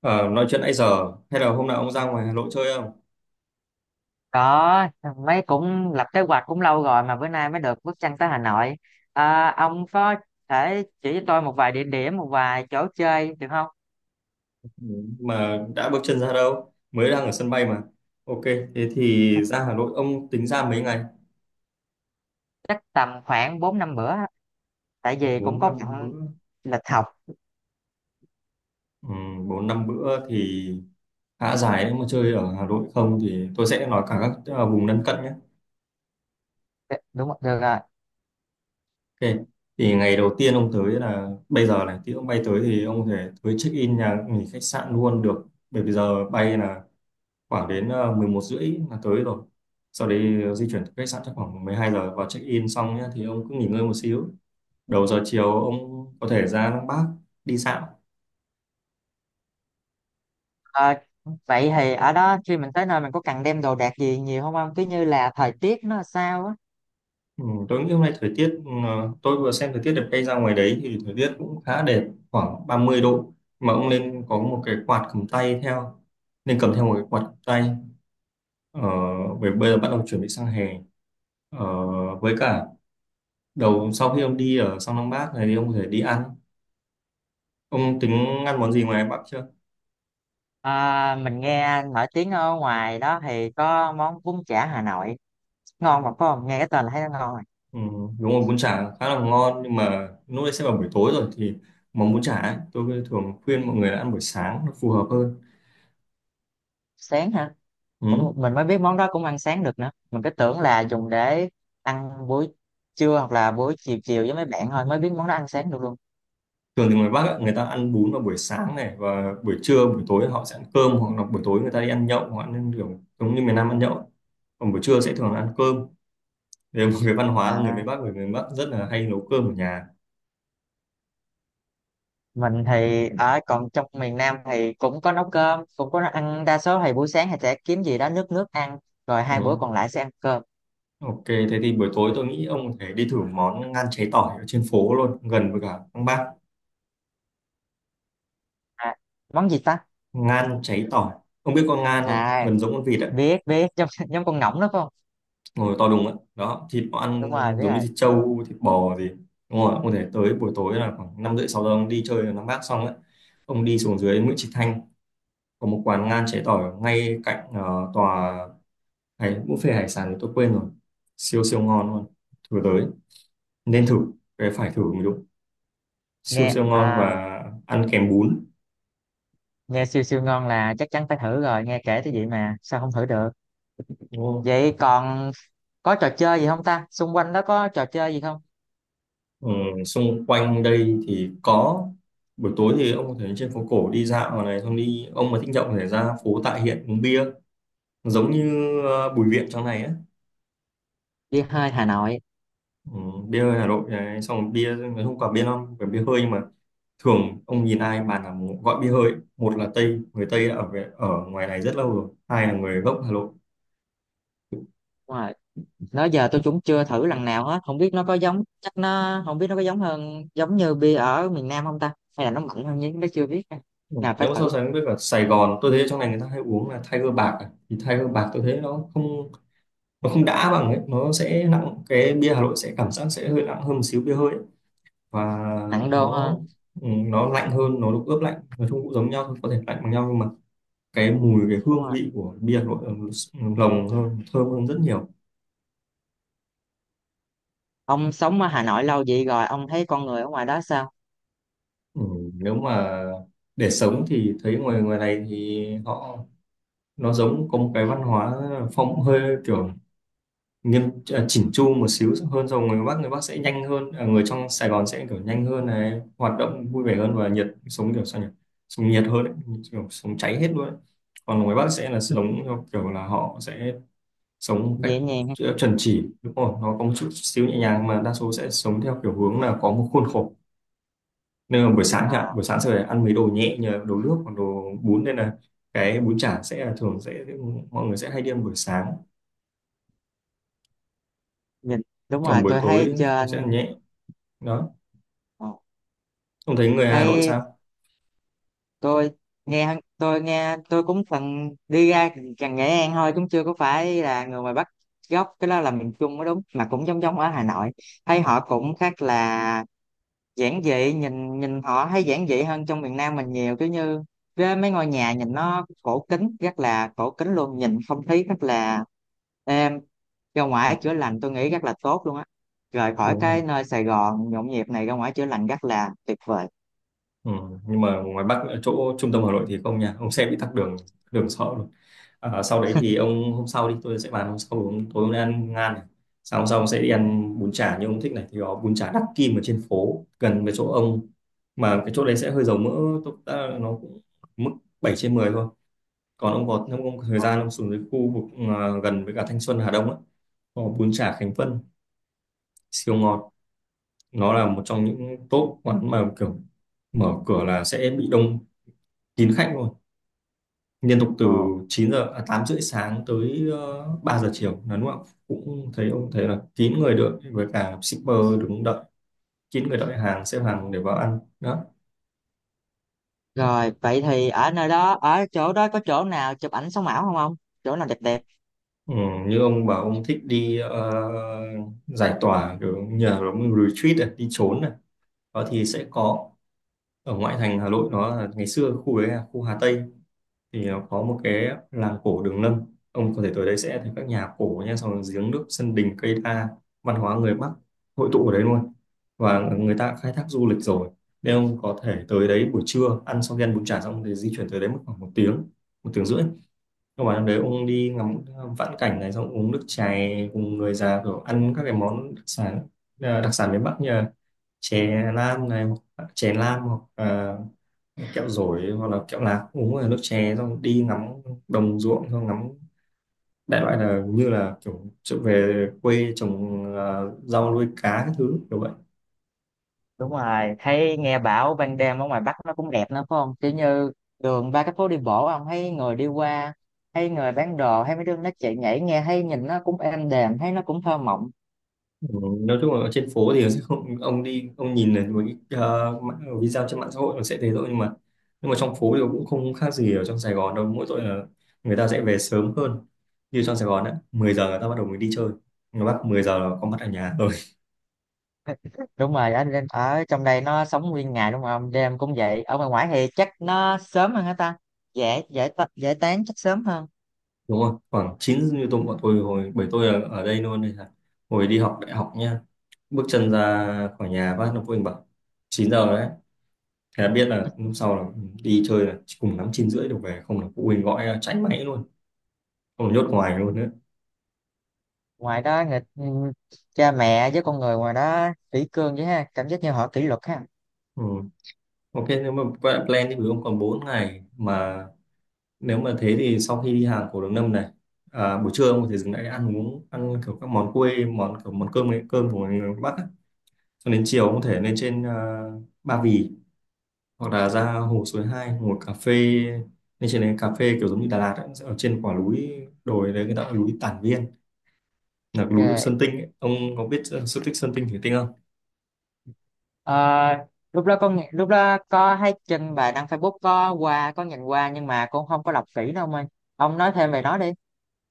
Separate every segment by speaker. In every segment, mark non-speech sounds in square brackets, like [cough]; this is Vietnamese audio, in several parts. Speaker 1: Ờ, nói chuyện nãy giờ hay là hôm nào ông ra ngoài Hà Nội chơi không?
Speaker 2: Có. Mấy cũng lập kế hoạch cũng lâu rồi mà bữa nay mới được bước chân tới Hà Nội. À, ông có thể chỉ cho tôi một vài địa điểm, một vài chỗ chơi được không?
Speaker 1: Ừ, mà đã bước chân ra đâu? Mới đang ở sân bay mà. Ok, thế thì ra Hà Nội ông tính ra mấy ngày?
Speaker 2: Chắc tầm khoảng 4 5 bữa, tại vì cũng
Speaker 1: bốn
Speaker 2: có
Speaker 1: năm
Speaker 2: bận
Speaker 1: bữa.
Speaker 2: lịch học.
Speaker 1: Ừ, 4 5 bữa thì khá dài đấy, mà chơi ở Hà Nội không thì tôi sẽ nói cả các vùng lân cận nhé.
Speaker 2: Đúng rồi, được rồi.
Speaker 1: Ok. Thì ngày đầu tiên ông tới là bây giờ này, tí ông bay tới thì ông có thể tới check in nhà nghỉ khách sạn luôn được. Bởi vì giờ bay là khoảng đến 11 rưỡi là tới rồi, sau đấy di chuyển tới khách sạn chắc khoảng 12 giờ vào check in xong nhé, thì ông cứ nghỉ ngơi một xíu. Đầu giờ chiều ông có thể ra Lăng Bác đi dạo.
Speaker 2: À, vậy thì ở đó khi mình tới nơi mình có cần đem đồ đạc gì nhiều không ông, cứ như là thời tiết nó sao á?
Speaker 1: Ừ, tôi nghĩ hôm nay thời tiết tôi vừa xem thời tiết đẹp, cây ra ngoài đấy thì thời tiết cũng khá đẹp, khoảng 30 độ. Mà ông nên có một cái quạt cầm tay theo, nên cầm theo một cái quạt cầm tay. ờ, Bởi bây giờ bắt đầu chuẩn bị sang hè. ờ, với cả đầu sau khi ông đi ở sang Lăng Bác này thì ông có thể đi ăn. Ông tính ăn món gì ngoài Bắc chưa?
Speaker 2: À, mình nghe nổi tiếng ở ngoài đó thì có món bún chả Hà Nội ngon, mà có nghe cái tên là thấy nó ngon rồi.
Speaker 1: Ừ, đúng rồi, bún chả khá là ngon, nhưng mà lúc đấy sẽ vào buổi tối rồi thì món bún chả ấy, tôi thường khuyên mọi người là ăn buổi sáng nó phù hợp hơn.
Speaker 2: Sáng hả? Cũng
Speaker 1: Ừ.
Speaker 2: mình mới biết món đó cũng ăn sáng được nữa, mình cứ tưởng là dùng để ăn buổi trưa hoặc là buổi chiều chiều với mấy bạn, thôi mới biết món đó ăn sáng được luôn.
Speaker 1: Thường thì người Bắc ấy, người ta ăn bún vào buổi sáng này, và buổi trưa buổi tối họ sẽ ăn cơm, hoặc là buổi tối người ta đi ăn nhậu hoặc ăn kiểu giống như miền Nam ăn nhậu ấy. Còn buổi trưa sẽ thường là ăn cơm. Đấy là một cái văn hóa của người miền
Speaker 2: À,
Speaker 1: Bắc, người miền Bắc rất là hay nấu cơm ở nhà.
Speaker 2: mình thì ở còn trong miền Nam thì cũng có nấu cơm cũng có ăn, đa số thì buổi sáng thì sẽ kiếm gì đó nước nước ăn, rồi hai bữa
Speaker 1: Ừ.
Speaker 2: còn lại sẽ ăn cơm.
Speaker 1: Ok, thế thì buổi tối tôi nghĩ ông có thể đi thử món ngan cháy tỏi ở trên phố luôn, gần với cả Lăng Bác.
Speaker 2: À, món gì ta?
Speaker 1: Ngan cháy tỏi, ông biết con ngan không,
Speaker 2: À,
Speaker 1: gần giống con vịt á.
Speaker 2: biết biết, giống [laughs] giống con ngỗng đó phải không?
Speaker 1: Ngồi to đùng á, đó thịt nó
Speaker 2: Đúng
Speaker 1: ăn
Speaker 2: rồi, biết
Speaker 1: giống như
Speaker 2: rồi.
Speaker 1: thịt trâu thịt bò gì. Đúng rồi, ông thể tới buổi tối là khoảng năm rưỡi sáu giờ, ông đi chơi ở Nam Bác xong ấy, ông đi xuống dưới Nguyễn Trí Thanh có một quán ngan cháy tỏi ngay cạnh tòa hải buffet hải sản thì tôi quên rồi. Siêu siêu ngon luôn. Thử tới. Nên thử. Cái phải thử mới đúng. Siêu
Speaker 2: Nghe
Speaker 1: siêu ngon,
Speaker 2: à?
Speaker 1: và ăn kèm bún.
Speaker 2: Nghe siêu siêu ngon là chắc chắn phải thử rồi, nghe kể tới vậy mà sao không thử được.
Speaker 1: Đúng không?
Speaker 2: Vậy còn có trò chơi gì không ta, xung quanh đó có trò chơi gì không?
Speaker 1: Ừ, xung quanh đây thì có buổi tối thì ông có thể lên trên phố cổ đi dạo ở này, xong đi, ông mà thích nhậu có thể ra phố Tạ Hiện uống bia, giống như Bùi Viện trong này á.
Speaker 2: Đi hơi Hà Nội.
Speaker 1: Ừ, bia hơi Hà Nội đấy. Xong rồi bia nói không quả bia non phải bia hơi, nhưng mà thường ông nhìn ai bàn là gọi bia hơi, một là Tây, người Tây đã ở về, ở ngoài này rất lâu rồi, hai là người gốc Hà Nội.
Speaker 2: Đúng rồi, đó giờ tôi cũng chưa thử lần nào hết, không biết nó có giống, chắc nó, không biết nó có giống hơn giống như bia ở miền Nam không ta, hay là nó mạnh hơn nhưng nó chưa biết.
Speaker 1: Ừ.
Speaker 2: Nào phải
Speaker 1: Nếu mà so
Speaker 2: thử.
Speaker 1: sánh với cả Sài Gòn, tôi thấy trong này người ta hay uống là Tiger bạc à. Thì Tiger bạc tôi thấy nó không, nó không đã bằng ấy, nó sẽ nặng, cái bia Hà Nội sẽ cảm giác sẽ hơi nặng hơn một xíu, bia hơi ấy. Và
Speaker 2: Nặng đô
Speaker 1: nó
Speaker 2: hơn.
Speaker 1: nó lạnh hơn, nó được ướp lạnh, nói chung cũng giống nhau thôi, có thể lạnh bằng nhau nhưng mà cái mùi, cái
Speaker 2: Đúng
Speaker 1: hương
Speaker 2: rồi,
Speaker 1: vị của bia Hà Nội lồng hơn, thơm hơn rất nhiều.
Speaker 2: ông sống ở Hà Nội lâu vậy rồi ông thấy con người ở ngoài đó sao?
Speaker 1: Ừ, nếu mà để sống thì thấy ngoài ngoài này thì họ, nó giống có một cái văn hóa phong hơi kiểu nghiêm, à, chỉnh chu một xíu hơn. Rồi người Bắc sẽ nhanh hơn, à, người trong Sài Gòn sẽ kiểu nhanh hơn này, hoạt động vui vẻ hơn và nhiệt, sống kiểu sao nhỉ, sống nhiệt hơn ấy, kiểu sống cháy hết luôn ấy. Còn ngoài Bắc sẽ là
Speaker 2: [laughs]
Speaker 1: giống theo kiểu là họ sẽ sống một cách
Speaker 2: Dễ nhàng ha?
Speaker 1: chuẩn chỉ, đúng không? Nó có một chút xíu nhẹ nhàng, mà đa số sẽ sống theo kiểu hướng là có một khuôn khổ. Nên là buổi sáng chẳng
Speaker 2: À,
Speaker 1: hạn, buổi sáng sẽ phải ăn mấy đồ nhẹ như là đồ nước hoặc đồ bún, nên là cái bún chả sẽ là thường sẽ mọi người sẽ hay đi ăn buổi sáng.
Speaker 2: nhìn đúng
Speaker 1: Còn
Speaker 2: rồi,
Speaker 1: buổi
Speaker 2: tôi thấy
Speaker 1: tối thì sẽ ăn
Speaker 2: trên,
Speaker 1: nhẹ. Đó,
Speaker 2: ờ,
Speaker 1: không thấy người Hà Nội
Speaker 2: thấy
Speaker 1: sao.
Speaker 2: tôi, nghe tôi nghe tôi cũng từng đi ra gần Nghệ An thôi, cũng chưa có phải là người ngoài Bắc gốc, cái đó là miền Trung mới đúng, mà cũng giống giống ở Hà Nội. Thấy họ cũng khác, là giản dị, nhìn nhìn họ thấy giản dị hơn trong miền Nam mình nhiều, cứ như cái mấy ngôi nhà nhìn nó cổ kính, rất là cổ kính luôn, nhìn không khí rất là êm, ra
Speaker 1: Ừ,
Speaker 2: ngoài chữa lành tôi nghĩ rất là tốt luôn á. Rời khỏi
Speaker 1: đúng rồi.
Speaker 2: cái nơi Sài Gòn nhộn nhịp này ra ngoài chữa lành rất là tuyệt vời.
Speaker 1: Ừ, nhưng mà ngoài Bắc ở chỗ trung tâm Hà Nội thì không nha ông, xe bị tắc đường, đường sợ luôn. À, sau đấy thì ông hôm sau đi tôi sẽ bàn, hôm sau ông, tối ông đi ăn ngan này. Sau hôm sau ông sẽ đi ăn bún chả như ông thích này, thì có bún chả Đắc Kim ở trên phố gần với chỗ ông, mà cái chỗ đấy sẽ hơi dầu mỡ. Tốt, à, nó cũng mức 7 trên 10 thôi. Còn ông có, nếu ông có thời gian, ông xuống dưới khu vực, à, gần với cả Thanh Xuân Hà Đông á, có bún chả Khánh Vân siêu ngọt. Nó là một trong những top quán mà kiểu mở cửa là sẽ bị đông kín khách luôn. Liên tục từ
Speaker 2: Ờ.
Speaker 1: 9 giờ, à, 8 rưỡi sáng tới 3 giờ chiều là đúng không? Ạ? Cũng thấy ông thấy là kín người đợi với cả shipper đứng đợi, kín người đợi hàng, xếp hàng để vào ăn đó.
Speaker 2: Rồi, vậy thì ở nơi đó, ở chỗ đó có chỗ nào chụp ảnh sống ảo không ông? Chỗ nào đẹp đẹp?
Speaker 1: Ừ, như ông bảo ông thích đi, giải tỏa kiểu nhờ nó retreat này, đi trốn này, đó thì sẽ có ở ngoại thành Hà Nội, nó là ngày xưa khu đấy là khu Hà Tây, thì nó có một cái làng cổ Đường Lâm. Ông có thể tới đấy sẽ thấy các nhà cổ nha, xong rồi giếng nước sân đình cây đa, văn hóa người Bắc hội tụ ở đấy luôn, và người ta khai thác du lịch rồi. Nên ông có thể tới đấy buổi trưa, ăn xong khi ăn bún chả xong thì di chuyển tới đấy mất khoảng 1 tiếng, 1 tiếng rưỡi. Nhưng mà đấy ông đi ngắm vãn cảnh này, xong uống nước chè cùng người già rồi ăn các cái món đặc sản, à, đặc sản miền Bắc như là chè lam này, chè lam hoặc à, kẹo dổi hoặc là kẹo lạc, uống là nước chè, xong đi ngắm đồng ruộng, xong ngắm, đại loại là như là kiểu trở về quê trồng à, rau nuôi cá các thứ kiểu vậy.
Speaker 2: Đúng rồi, thấy nghe bảo ban đêm ở ngoài Bắc nó cũng đẹp nữa phải không, kiểu như đường, ba cái phố đi bộ ông, thấy người đi qua, thấy người bán đồ, thấy mấy đứa nó chạy nhảy, nghe thấy nhìn nó cũng êm đềm, thấy nó cũng thơ mộng.
Speaker 1: Ừ, nói chung là ở trên phố thì [laughs] sẽ không, ông đi ông nhìn là một cái video trên mạng xã hội nó sẽ thế thôi, nhưng mà trong phố thì cũng không khác gì ở trong Sài Gòn đâu, mỗi tội là người ta sẽ về sớm hơn. Như trong Sài Gòn á, 10 giờ người ta bắt đầu mới đi chơi, người Bắc 10 giờ là có mặt ở nhà.
Speaker 2: Đúng rồi, ở trong đây nó sống nguyên ngày đúng không, đêm cũng vậy, ở ngoài ngoài thì chắc nó sớm hơn hả ta, dễ dễ ta- dễ tán chắc sớm hơn.
Speaker 1: Đúng rồi, khoảng chín, như bọn tôi hồi bởi tôi ở đây luôn, đây là hồi đi học đại học nha, bước chân ra khỏi nhà phát nó phụ huynh bảo 9 giờ rồi đấy, thế là biết là hôm sau là đi chơi là chỉ cùng lắm 9 rưỡi được về, không là phụ huynh gọi là cháy máy luôn, không là nhốt ngoài luôn nữa.
Speaker 2: Ngoài đó người, cha mẹ với con người ngoài đó kỷ cương vậy ha, cảm giác như họ kỷ luật ha.
Speaker 1: Ừ. Ok, nếu mà quay lại plan thì ví dụ ông còn 4 ngày mà, nếu mà thế thì sau khi đi hàng cổ Đường Lâm này, à, buổi trưa ông có thể dừng lại ăn uống, ăn kiểu các món quê món kiểu món cơm, cơm của người Bắc á. Cho đến chiều ông có thể lên trên, à, Ba Vì hoặc là ra hồ Suối Hai, hồ cà phê, nên trên đấy cà phê kiểu giống như Đà Lạt ấy, sẽ ở trên quả núi đồi đấy, người ta gọi là núi Tản Viên, là cái núi Sơn
Speaker 2: Okay.
Speaker 1: Tinh ấy. Ông có biết sự tích Sơn Tinh Thủy Tinh không?
Speaker 2: Ờ, lúc đó có thấy trên bài đăng Facebook, có qua có nhìn qua nhưng mà con không có đọc kỹ đâu ông ơi, ông nói thêm về nó đi.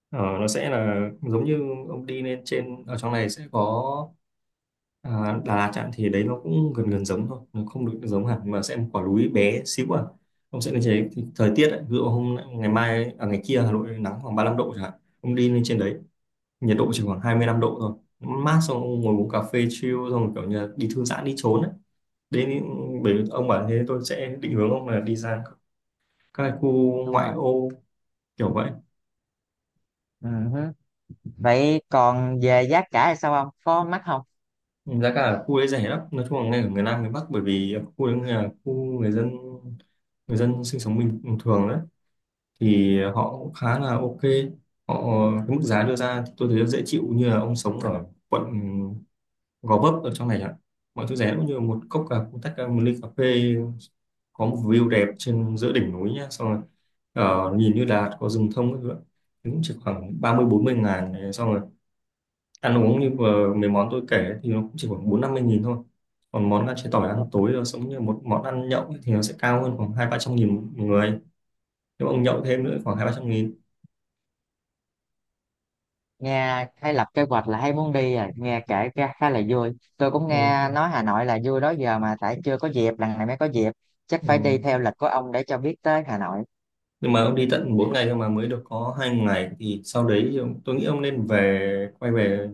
Speaker 1: Ờ, nó sẽ là giống như ông đi lên trên, ở trong này sẽ có, à, Đà Lạt chẳng thì đấy nó cũng gần gần giống thôi, nó không được giống hẳn, mà sẽ một quả núi bé xíu. À, ông sẽ lên trên đấy thì thời tiết ấy, ví dụ hôm ngày mai à, ngày kia Hà Nội nắng khoảng 35 độ chẳng hạn, ông đi lên trên đấy nhiệt độ chỉ khoảng 25 độ thôi. Mát, xong ông ngồi uống cà phê chill xong rồi kiểu như là đi thư giãn đi trốn ấy. Đến những, bởi vì ông bảo thế tôi sẽ định hướng ông là đi ra các cái khu
Speaker 2: Đúng
Speaker 1: ngoại
Speaker 2: rồi.
Speaker 1: ô kiểu vậy.
Speaker 2: Ừ hứ. Vậy còn về giá cả thì sao, ông có mắc không?
Speaker 1: Giá cả ở khu đấy rẻ lắm, nói chung là ngay ở miền Nam miền Bắc, bởi vì khu đấy là khu người dân, người dân sinh sống bình thường đấy, thì họ cũng khá là ok, họ cái mức giá đưa ra thì tôi thấy dễ chịu, như là ông sống ở quận Gò Vấp ở trong này chẳng hạn, mọi thứ rẻ, cũng như một cốc cà một tách cà, một ly cà phê có một view đẹp trên giữa đỉnh núi nhá, xong rồi nhìn như là có rừng thông các thứ ạ. Thì cũng chỉ khoảng 30 40 ngàn này. Xong rồi ăn uống như vừa mấy món tôi kể ấy, thì nó cũng chỉ khoảng 40 50 nghìn thôi. Còn món ăn chế tỏi ăn tối rồi giống như một món ăn nhậu ấy, thì nó sẽ cao hơn khoảng 200 300 nghìn một người, nếu ông nhậu thêm nữa khoảng 200 300 nghìn.
Speaker 2: Nghe hay lập kế hoạch là hay muốn đi à, nghe kể ra khá là vui, tôi cũng
Speaker 1: Ừ.
Speaker 2: nghe nói Hà Nội là vui đó giờ mà, tại chưa có dịp, lần này mới có dịp. Chắc phải đi
Speaker 1: Ừ,
Speaker 2: theo lịch của ông để cho biết tới Hà Nội.
Speaker 1: nhưng mà ông đi tận 4 ngày cơ mà mới được có 2 ngày thì sau đấy thì ông, tôi nghĩ ông nên về, quay về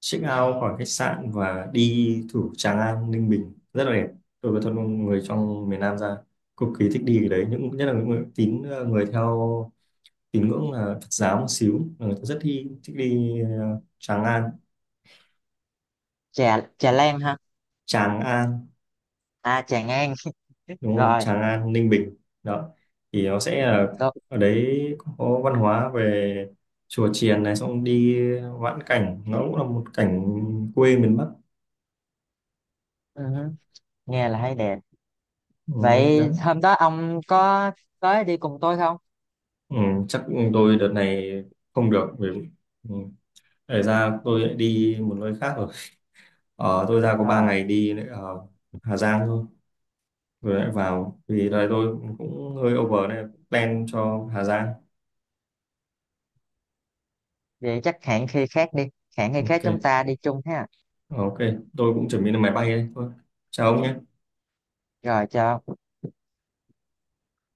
Speaker 1: check out khỏi khách sạn và đi thủ Tràng An Ninh Bình rất là đẹp. Tôi có thân người trong miền Nam ra cực kỳ thích đi cái đấy, những nhất là những người tín, người theo tín ngưỡng là Phật giáo một xíu là người ta rất thích đi Tràng An,
Speaker 2: Chè chè len ha?
Speaker 1: Tràng An.
Speaker 2: À, chè ngang. [laughs]
Speaker 1: Đúng rồi,
Speaker 2: Rồi.
Speaker 1: Tràng An Ninh Bình. Đó, thì nó sẽ là
Speaker 2: Tôi,
Speaker 1: ở đấy có văn hóa về chùa chiền này, xong đi vãn cảnh nó cũng là một cảnh quê miền Bắc.
Speaker 2: ừ, nghe là thấy đẹp.
Speaker 1: Ừ, đó.
Speaker 2: Vậy hôm đó ông có tới đi cùng tôi không?
Speaker 1: Ừ, chắc tôi đợt này không được vì ừ, để ra tôi lại đi một nơi khác rồi. Tôi ra có 3
Speaker 2: Ờ,
Speaker 1: ngày đi lại ở Hà Giang thôi, rồi lại vào vì đợt này tôi cũng hơi over nên plan cho Hà Giang.
Speaker 2: vậy chắc hẹn khi khác đi, hẹn khi khác chúng
Speaker 1: Ok.
Speaker 2: ta đi chung ha.
Speaker 1: Ờ, ok, tôi cũng chuẩn bị lên máy bay đây thôi, chào ông nhé
Speaker 2: Rồi, chào ông.